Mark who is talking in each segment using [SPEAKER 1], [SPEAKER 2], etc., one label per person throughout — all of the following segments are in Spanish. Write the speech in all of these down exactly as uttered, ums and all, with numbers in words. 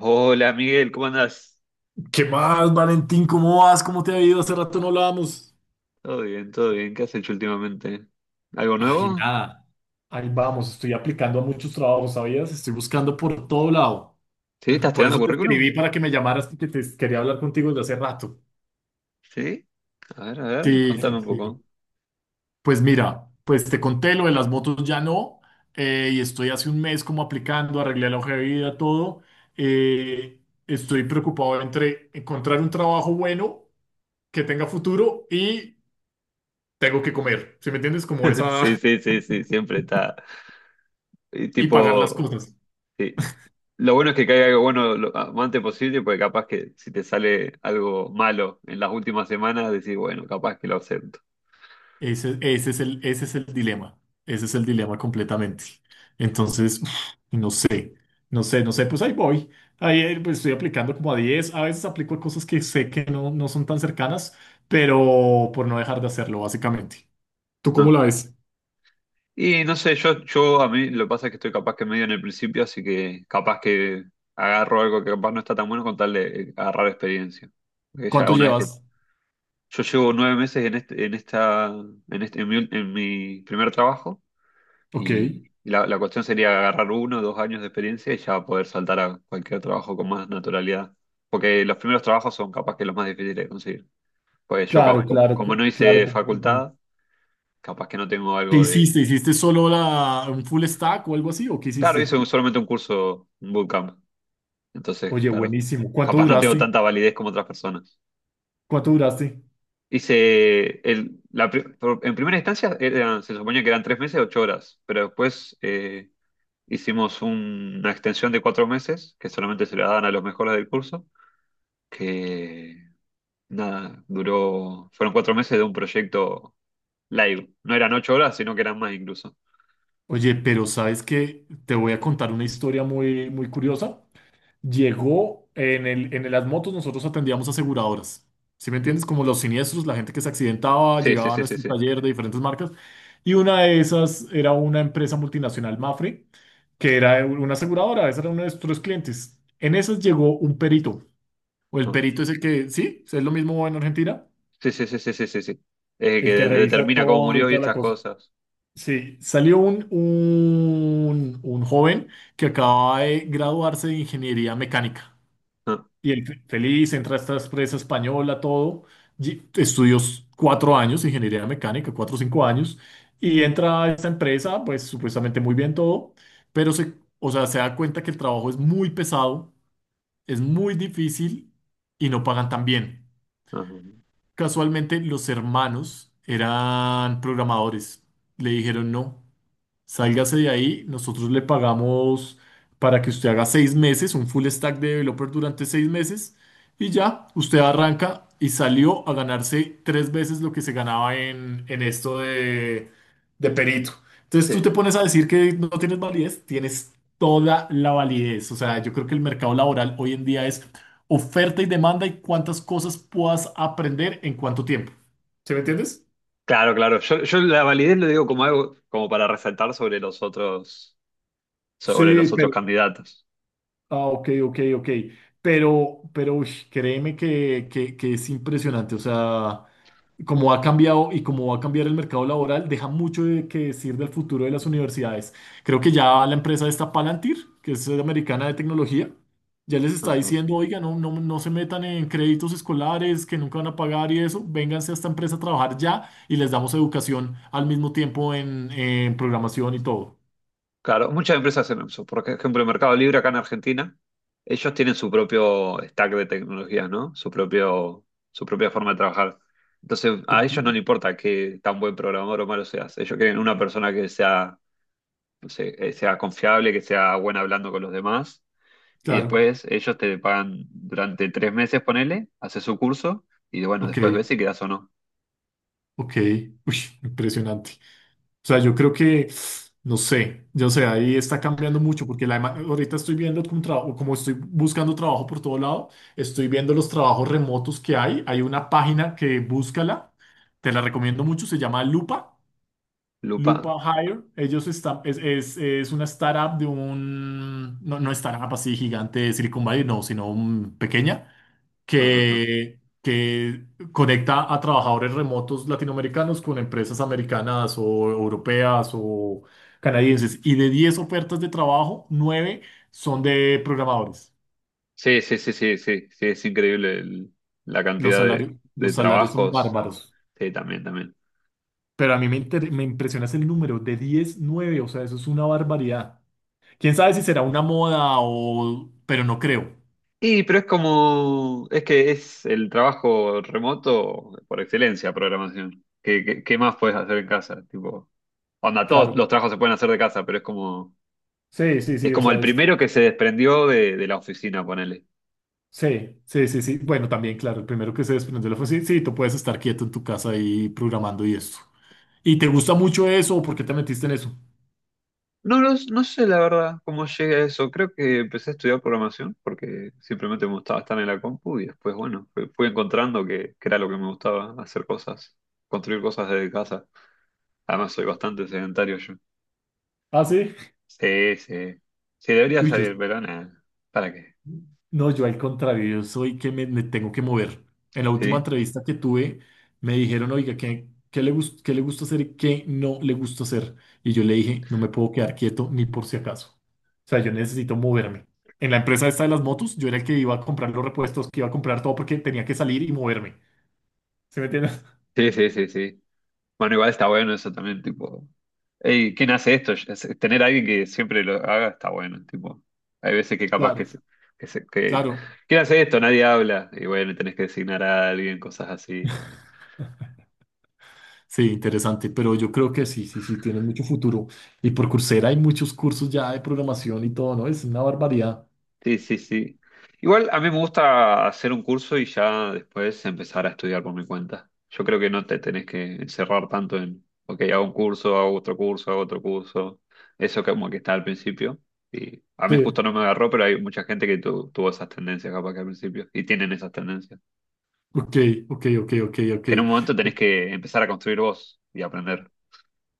[SPEAKER 1] Hola Miguel, ¿cómo andás?
[SPEAKER 2] ¿Qué más, Valentín? ¿Cómo vas? ¿Cómo te ha ido? Hace rato no hablábamos.
[SPEAKER 1] Todo bien, todo bien. ¿Qué has hecho últimamente? ¿Algo
[SPEAKER 2] Ay,
[SPEAKER 1] nuevo?
[SPEAKER 2] nada. Ahí vamos, estoy aplicando a muchos trabajos, ¿sabías? Estoy buscando por todo lado.
[SPEAKER 1] ¿Sí?
[SPEAKER 2] Eh,
[SPEAKER 1] ¿Estás
[SPEAKER 2] Por
[SPEAKER 1] tirando
[SPEAKER 2] eso te
[SPEAKER 1] currículum?
[SPEAKER 2] escribí para que me llamaras, porque te quería hablar contigo desde hace rato.
[SPEAKER 1] ¿Sí? A ver, a ver,
[SPEAKER 2] Sí,
[SPEAKER 1] contame
[SPEAKER 2] sí,
[SPEAKER 1] un poco.
[SPEAKER 2] sí. Pues mira, pues te conté lo de las motos ya no, eh, y estoy hace un mes como aplicando, arreglé la hoja de vida, todo. Eh, estoy preocupado entre encontrar un trabajo bueno, que tenga futuro y tengo que comer. ¿Sí me entiendes? Como esa,
[SPEAKER 1] Sí, sí, sí, sí, siempre está. Y
[SPEAKER 2] y pagar las
[SPEAKER 1] tipo,
[SPEAKER 2] cosas.
[SPEAKER 1] sí. Lo bueno es que caiga algo bueno lo antes posible, porque capaz que si te sale algo malo en las últimas semanas, decís, bueno, capaz que lo acepto.
[SPEAKER 2] Ese, ese es el, ese es el dilema. Ese es el dilema completamente. Entonces, uf, no sé, no sé, no sé, pues ahí voy. Ahí eh, pues, estoy aplicando como a diez. A veces aplico a cosas que sé que no, no son tan cercanas, pero por no dejar de hacerlo, básicamente. ¿Tú cómo
[SPEAKER 1] ¿No?
[SPEAKER 2] la ves?
[SPEAKER 1] Y no sé, yo, yo a mí lo que pasa es que estoy capaz que medio en el principio, así que capaz que agarro algo que capaz no está tan bueno con tal de eh, agarrar experiencia. Porque ya
[SPEAKER 2] ¿Cuánto
[SPEAKER 1] una vez que
[SPEAKER 2] llevas?
[SPEAKER 1] yo llevo nueve meses en este, en esta, en este, en mi, en mi primer trabajo,
[SPEAKER 2] Ok.
[SPEAKER 1] y, la, la cuestión sería agarrar uno o dos años de experiencia y ya poder saltar a cualquier trabajo con más naturalidad. Porque los primeros trabajos son capaz que los más difíciles de conseguir. Pues yo ca-
[SPEAKER 2] Claro,
[SPEAKER 1] co-
[SPEAKER 2] claro,
[SPEAKER 1] como no
[SPEAKER 2] cl- claro.
[SPEAKER 1] hice
[SPEAKER 2] Completamente.
[SPEAKER 1] facultad, capaz que no tengo
[SPEAKER 2] ¿Qué
[SPEAKER 1] algo de
[SPEAKER 2] hiciste? ¿Hiciste solo la, un full stack o algo así? ¿O qué
[SPEAKER 1] claro, hice
[SPEAKER 2] hiciste?
[SPEAKER 1] un- solamente un curso, un bootcamp. Entonces,
[SPEAKER 2] Oye,
[SPEAKER 1] claro,
[SPEAKER 2] buenísimo. ¿Cuánto
[SPEAKER 1] capaz no tengo
[SPEAKER 2] duraste?
[SPEAKER 1] tanta validez como otras personas.
[SPEAKER 2] ¿Cuánto duraste?
[SPEAKER 1] Hice, el, la, pri- por- en primera instancia eran- se suponía que eran tres meses, ocho horas, pero después eh, hicimos un- una extensión de cuatro meses, que solamente se la daban a los mejores del curso, que nada, duró, fueron cuatro meses de un proyecto live. No eran ocho horas, sino que eran más incluso.
[SPEAKER 2] Oye, pero sabes que te voy a contar una historia muy, muy curiosa. Llegó en el, en las motos, nosotros atendíamos aseguradoras. ¿Sí me entiendes? Como los siniestros, la gente que se accidentaba,
[SPEAKER 1] Sí, sí,
[SPEAKER 2] llegaba a
[SPEAKER 1] sí, sí,
[SPEAKER 2] nuestro
[SPEAKER 1] sí.
[SPEAKER 2] taller de diferentes marcas. Y una de esas era una empresa multinacional, Mafre, que era una aseguradora, esa era uno de nuestros clientes. En esas llegó un perito. O el
[SPEAKER 1] No.
[SPEAKER 2] perito es el que, sí, es lo mismo en Argentina,
[SPEAKER 1] Sí, sí, sí, sí, sí, sí, sí. Eh, que
[SPEAKER 2] el que
[SPEAKER 1] de-
[SPEAKER 2] revisa
[SPEAKER 1] determina cómo
[SPEAKER 2] todo y
[SPEAKER 1] murió y
[SPEAKER 2] toda la
[SPEAKER 1] estas
[SPEAKER 2] cosa.
[SPEAKER 1] cosas.
[SPEAKER 2] Sí, salió un, un, un joven que acaba de graduarse de ingeniería mecánica.
[SPEAKER 1] No,
[SPEAKER 2] Y él fe- feliz, entra a esta empresa española, todo. Y Estudió s- cuatro años de ingeniería mecánica, cuatro o cinco años. Y entra a esta empresa, pues supuestamente muy bien todo. Pero se, o sea, se da cuenta que el trabajo es muy pesado, es muy difícil y no pagan tan bien.
[SPEAKER 1] no, no. No.
[SPEAKER 2] Casualmente, los hermanos eran programadores. Le dijeron no. Sálgase de ahí, nosotros le pagamos para que usted haga seis meses, un full stack de developer durante seis meses y ya, usted arranca y salió a ganarse tres veces lo que se ganaba en, en esto de, de perito. Entonces tú te
[SPEAKER 1] Sí.
[SPEAKER 2] pones a decir que no tienes validez, tienes toda la validez. O sea, yo creo que el mercado laboral hoy en día es oferta y demanda y cuántas cosas puedas aprender en cuánto tiempo. ¿Sí me entiendes?
[SPEAKER 1] Claro, claro. Yo, yo la validez lo digo como algo, como para resaltar sobre los otros, sobre
[SPEAKER 2] Sí,
[SPEAKER 1] los otros
[SPEAKER 2] pero
[SPEAKER 1] candidatos.
[SPEAKER 2] ah, ok, ok, ok. Pero, pero ush, créeme que, que- que es impresionante. O sea, como ha cambiado y como va a cambiar el mercado laboral, deja mucho de que decir del futuro de las universidades. Creo que ya la empresa esta Palantir, que es eh, americana de tecnología, ya les está
[SPEAKER 1] Ujú.
[SPEAKER 2] diciendo, oiga, no, no, no se metan en créditos escolares que nunca van a pagar y eso, vénganse a esta empresa a trabajar ya y les damos educación al mismo tiempo en, en programación y todo.
[SPEAKER 1] Claro, muchas empresas hacen eso. Por ejemplo, el Mercado Libre acá en Argentina, ellos tienen su propio stack de tecnologías, ¿no? Su propio, su propia forma de trabajar. Entonces, a
[SPEAKER 2] Ok,
[SPEAKER 1] ellos no les importa qué tan buen programador o malo seas. Ellos quieren una persona que sea, no sé, eh, sea confiable, que sea buena hablando con los demás. Y
[SPEAKER 2] claro,
[SPEAKER 1] después ellos te pagan durante tres meses, ponele, haces su curso y bueno,
[SPEAKER 2] ok.
[SPEAKER 1] después ves si quedas o no.
[SPEAKER 2] Ok, uy, impresionante. O sea, yo creo que, no sé, yo sé, ahí está cambiando mucho porque la, ema- ahorita estoy viendo como, trabajo, como estoy buscando trabajo por todo lado, estoy viendo los trabajos remotos que hay. Hay una página que búscala, te la recomiendo mucho, se llama Lupa,
[SPEAKER 1] Lupa.
[SPEAKER 2] Lupa Hire. Ellos están, es, es, es una startup de un, no, no startup así gigante de Silicon Valley, no, sino mm, pequeña
[SPEAKER 1] Ajá, ajá.
[SPEAKER 2] que, que conecta a trabajadores remotos latinoamericanos con empresas americanas o europeas o canadienses. Y de diez ofertas de trabajo, nueve son de programadores.
[SPEAKER 1] Sí, sí, sí, sí, sí, sí, es increíble el- la
[SPEAKER 2] Los
[SPEAKER 1] cantidad de,
[SPEAKER 2] salarios,
[SPEAKER 1] de
[SPEAKER 2] los salarios son
[SPEAKER 1] trabajos.
[SPEAKER 2] bárbaros.
[SPEAKER 1] Sí, también, también.
[SPEAKER 2] Pero a mí me, inter- me impresiona ese número de diez nueve. O sea, eso es una barbaridad. ¿Quién sabe si será una moda o... pero no creo.
[SPEAKER 1] Y, pero es como, es que es el trabajo remoto por excelencia, programación. ¿Qué, qué, qué más puedes hacer en casa? Tipo, onda, todos
[SPEAKER 2] Claro.
[SPEAKER 1] los trabajos se pueden hacer de casa, pero es como,
[SPEAKER 2] Sí, sí,
[SPEAKER 1] es
[SPEAKER 2] sí, o
[SPEAKER 1] como
[SPEAKER 2] sea,
[SPEAKER 1] el
[SPEAKER 2] es...
[SPEAKER 1] primero que se desprendió de, de la oficina, ponele.
[SPEAKER 2] Sí, sí, sí, sí. Bueno, también, claro, el primero que se desprende fue, sí, sí, tú puedes estar quieto en tu casa ahí programando y esto. ¿Y te gusta mucho eso o por qué te metiste en eso?
[SPEAKER 1] No, lo s- no sé la verdad cómo llegué a eso. Creo que empecé a estudiar programación porque simplemente me gustaba estar en la compu y después, bueno, fui, fui encontrando que, que era lo que me gustaba, hacer cosas, construir cosas desde casa. Además, soy bastante sedentario yo.
[SPEAKER 2] Ah, sí.
[SPEAKER 1] Sí, sí. Sí, debería
[SPEAKER 2] Uy, yo,
[SPEAKER 1] salir, pero nada. ¿Para qué?
[SPEAKER 2] no, yo al contrario, yo soy que me, me tengo que mover. En la última
[SPEAKER 1] Sí,
[SPEAKER 2] entrevista que tuve, me dijeron, oiga, ¿qué, qué le gus- qué le gusta hacer y qué no le gusta hacer? Y yo le dije, no me puedo quedar quieto ni por si acaso. O sea, yo necesito moverme. En la empresa esta de las motos, yo era el que iba a comprar los repuestos, que iba a comprar todo porque tenía que salir y moverme. ¿Sí me entiendes?
[SPEAKER 1] sí, sí, sí, sí. Bueno, igual está bueno eso también, tipo. Ey, ¿quién hace esto? Es... tener a alguien que siempre lo haga está bueno, tipo. Hay veces que capaz
[SPEAKER 2] Claro,
[SPEAKER 1] que se, que se- que-
[SPEAKER 2] claro.
[SPEAKER 1] ¿quién hace esto? Nadie habla. Y bueno, tenés que designar a alguien, cosas así.
[SPEAKER 2] Sí, interesante, pero yo creo que sí, sí, sí, tienes mucho futuro. Y por Coursera hay muchos cursos ya de programación y todo, ¿no? Es una barbaridad.
[SPEAKER 1] Sí, sí, sí. Igual a mí me gusta hacer un curso y ya después empezar a estudiar por mi cuenta. Yo creo que no te tenés que encerrar tanto en, ok, hago un curso, hago otro curso, hago otro curso. Eso como que está al principio. Y a mí
[SPEAKER 2] Sí.
[SPEAKER 1] justo no me agarró, pero hay mucha gente que tu- tuvo esas tendencias capaz que al principio. Y tienen esas tendencias.
[SPEAKER 2] Ok, ok, ok, ok, ok.
[SPEAKER 1] Que en un momento tenés que empezar a construir vos y aprender.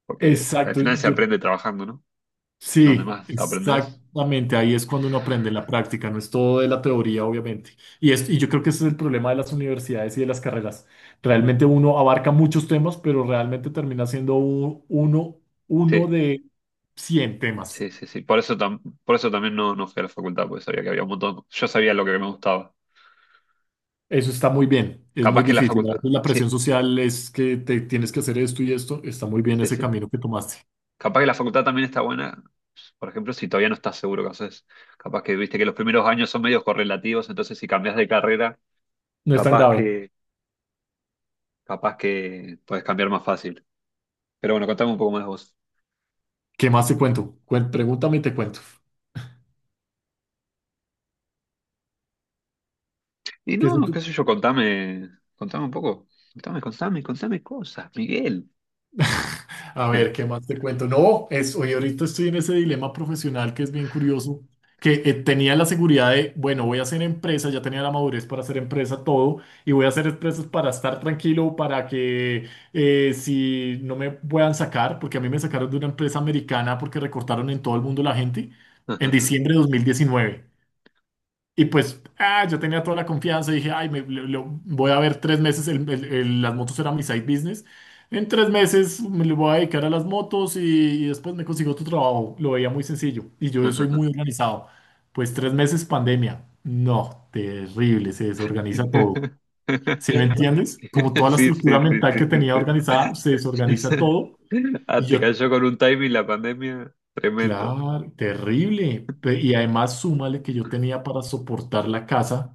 [SPEAKER 1] Porque al
[SPEAKER 2] Exacto,
[SPEAKER 1] final se
[SPEAKER 2] yo
[SPEAKER 1] aprende trabajando, ¿no? Donde
[SPEAKER 2] sí,
[SPEAKER 1] más aprendés.
[SPEAKER 2] exactamente. Ahí es cuando uno aprende en la práctica, no es todo de la teoría, obviamente. Y, es, y yo creo que ese es el problema de las universidades y de las carreras. Realmente uno abarca muchos temas, pero realmente termina siendo u- uno, uno
[SPEAKER 1] Sí.
[SPEAKER 2] de cien temas.
[SPEAKER 1] Sí, sí, sí. Por eso, tam- por eso también no, no fui a la facultad, porque sabía que había un montón. Yo sabía lo que me gustaba.
[SPEAKER 2] Eso está muy bien, es muy
[SPEAKER 1] Capaz que la
[SPEAKER 2] difícil. A
[SPEAKER 1] facultad.
[SPEAKER 2] veces la presión
[SPEAKER 1] Sí,
[SPEAKER 2] social es que te tienes que hacer esto y esto. Está muy bien
[SPEAKER 1] sí,
[SPEAKER 2] ese
[SPEAKER 1] sí.
[SPEAKER 2] camino que tomaste.
[SPEAKER 1] Capaz que la facultad también está buena, por ejemplo, si todavía no estás seguro qué haces. Capaz que viste que los primeros años son medios correlativos, entonces si cambias de carrera,
[SPEAKER 2] No es tan
[SPEAKER 1] capaz
[SPEAKER 2] grave.
[SPEAKER 1] que, capaz que puedes cambiar más fácil. Pero bueno, contame un poco más de vos.
[SPEAKER 2] ¿Qué más te cuento? Cuen- pregúntame y te cuento.
[SPEAKER 1] Y
[SPEAKER 2] ¿Qué es
[SPEAKER 1] no, no, qué sé yo, contame, contame un poco. Contame, contame, contame cosas, Miguel.
[SPEAKER 2] a ver, ¿qué más te cuento? No, es, hoy ahorita estoy en ese dilema profesional que es bien curioso, que eh, tenía la seguridad de, bueno, voy a hacer empresa, ya tenía la madurez para hacer empresa todo, y voy a hacer empresas para estar tranquilo, para que eh, si no me puedan sacar, porque a mí me sacaron de una empresa americana porque recortaron en todo el mundo la gente en diciembre de dos mil diecinueve. Y pues, ah, yo tenía toda la confianza y dije, ay, me, lo- lo- voy a ver tres meses, el- el- el- las motos eran mi side business. En tres meses me le voy a dedicar a las motos y, y después me consigo otro trabajo. Lo veía muy sencillo y yo soy muy organizado. Pues tres meses pandemia. No, terrible, se desorganiza todo. ¿Sí me entiendes? Como toda la
[SPEAKER 1] Sí, sí,
[SPEAKER 2] estructura
[SPEAKER 1] sí,
[SPEAKER 2] mental
[SPEAKER 1] sí,
[SPEAKER 2] que tenía
[SPEAKER 1] sí, sí.
[SPEAKER 2] organizada, se desorganiza todo. Y
[SPEAKER 1] Ah, te
[SPEAKER 2] yo,
[SPEAKER 1] cayó con un timing la pandemia tremendo.
[SPEAKER 2] claro, terrible. Pe- Y además súmale que yo tenía para soportar la casa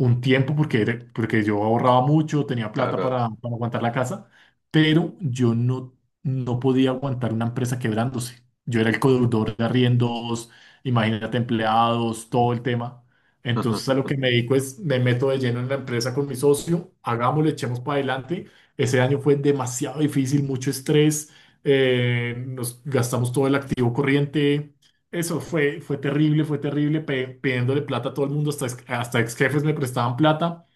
[SPEAKER 2] un tiempo porque, era- porque yo ahorraba mucho, tenía plata
[SPEAKER 1] Claro,
[SPEAKER 2] para, para, aguantar la casa, pero yo no, no podía aguantar una empresa quebrándose. Yo era el codeudor de arriendos, imagínate empleados, todo el tema.
[SPEAKER 1] claro.
[SPEAKER 2] Entonces a lo que me dedico es, me meto de lleno en la empresa con mi socio, hagámoslo, echemos para adelante. Ese año fue demasiado difícil, mucho estrés, eh, nos gastamos todo el activo corriente, eso fue, fue terrible, fue terrible, pe- pidiéndole plata a todo el mundo, hasta ex, hasta ex jefes me prestaban plata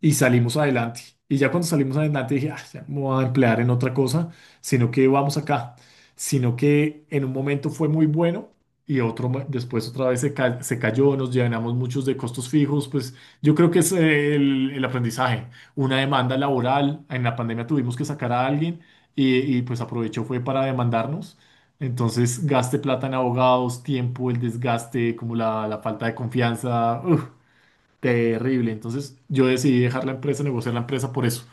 [SPEAKER 2] y salimos adelante. Y ya cuando salimos adelante dije: "Ah, ya no me voy a emplear en otra cosa, sino que vamos acá, sino que en un momento fue muy bueno y otro mo- después otra vez se, ca- se cayó, nos llenamos muchos de costos fijos, pues yo creo que es eh, el, el aprendizaje, una demanda laboral, en la pandemia tuvimos que sacar a alguien y, y pues aprovechó fue para demandarnos. Entonces, gaste plata en abogados, tiempo, el desgaste, como la, la falta de confianza. Uf, terrible. Entonces yo decidí dejar la empresa, negociar la empresa por eso,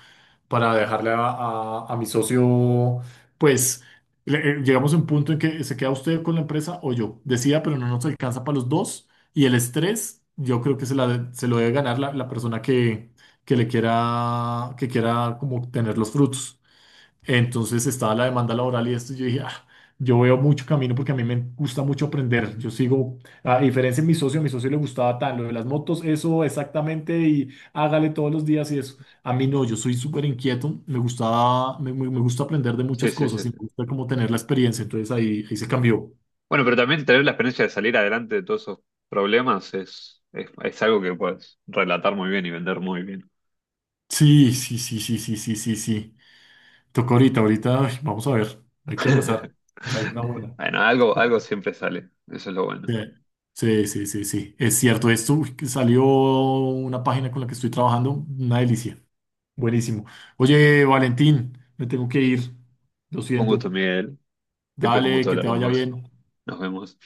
[SPEAKER 2] para dejarle a, a- a mi socio, pues le- eh, llegamos a un punto en que se queda usted con la empresa o yo. Decía, pero no nos alcanza para los dos. Y el estrés, yo creo que se, la de- se lo debe ganar la, la persona que, que le quiera, que quiera como tener los frutos. Entonces estaba la demanda laboral y esto, y yo dije: "Ah, yo veo mucho camino porque a mí me gusta mucho aprender. Yo sigo, a diferencia de mi socio, a mi socio le gustaba tan lo de las motos, eso exactamente, y hágale todos los días y eso. A mí no, yo soy súper inquieto, me gustaba, me, me- me gusta aprender de
[SPEAKER 1] Sí,
[SPEAKER 2] muchas
[SPEAKER 1] sí, sí,
[SPEAKER 2] cosas y me
[SPEAKER 1] sí.
[SPEAKER 2] gusta como tener la experiencia, entonces ahí, ahí se cambió.
[SPEAKER 1] Bueno, pero también tener la experiencia de salir adelante de todos esos problemas es, es, es algo que puedes relatar muy bien y vender muy bien.
[SPEAKER 2] Sí, sí, sí, sí, sí, sí, sí, sí. Toca ahorita, ahorita, ay, vamos a ver, hay que rezar que salga una buena.
[SPEAKER 1] Bueno, algo, algo siempre sale. Eso es lo bueno.
[SPEAKER 2] Sí, sí, sí, sí. Sí. Es cierto. Esto uy, que salió una página con la que estoy trabajando. Una delicia. Buenísimo. Oye, Valentín, me tengo que ir. Lo
[SPEAKER 1] Un gusto,
[SPEAKER 2] siento.
[SPEAKER 1] Miguel. Siempre es un
[SPEAKER 2] Dale,
[SPEAKER 1] gusto
[SPEAKER 2] que
[SPEAKER 1] hablar
[SPEAKER 2] te
[SPEAKER 1] con
[SPEAKER 2] vaya
[SPEAKER 1] vos.
[SPEAKER 2] bien.
[SPEAKER 1] Nos vemos.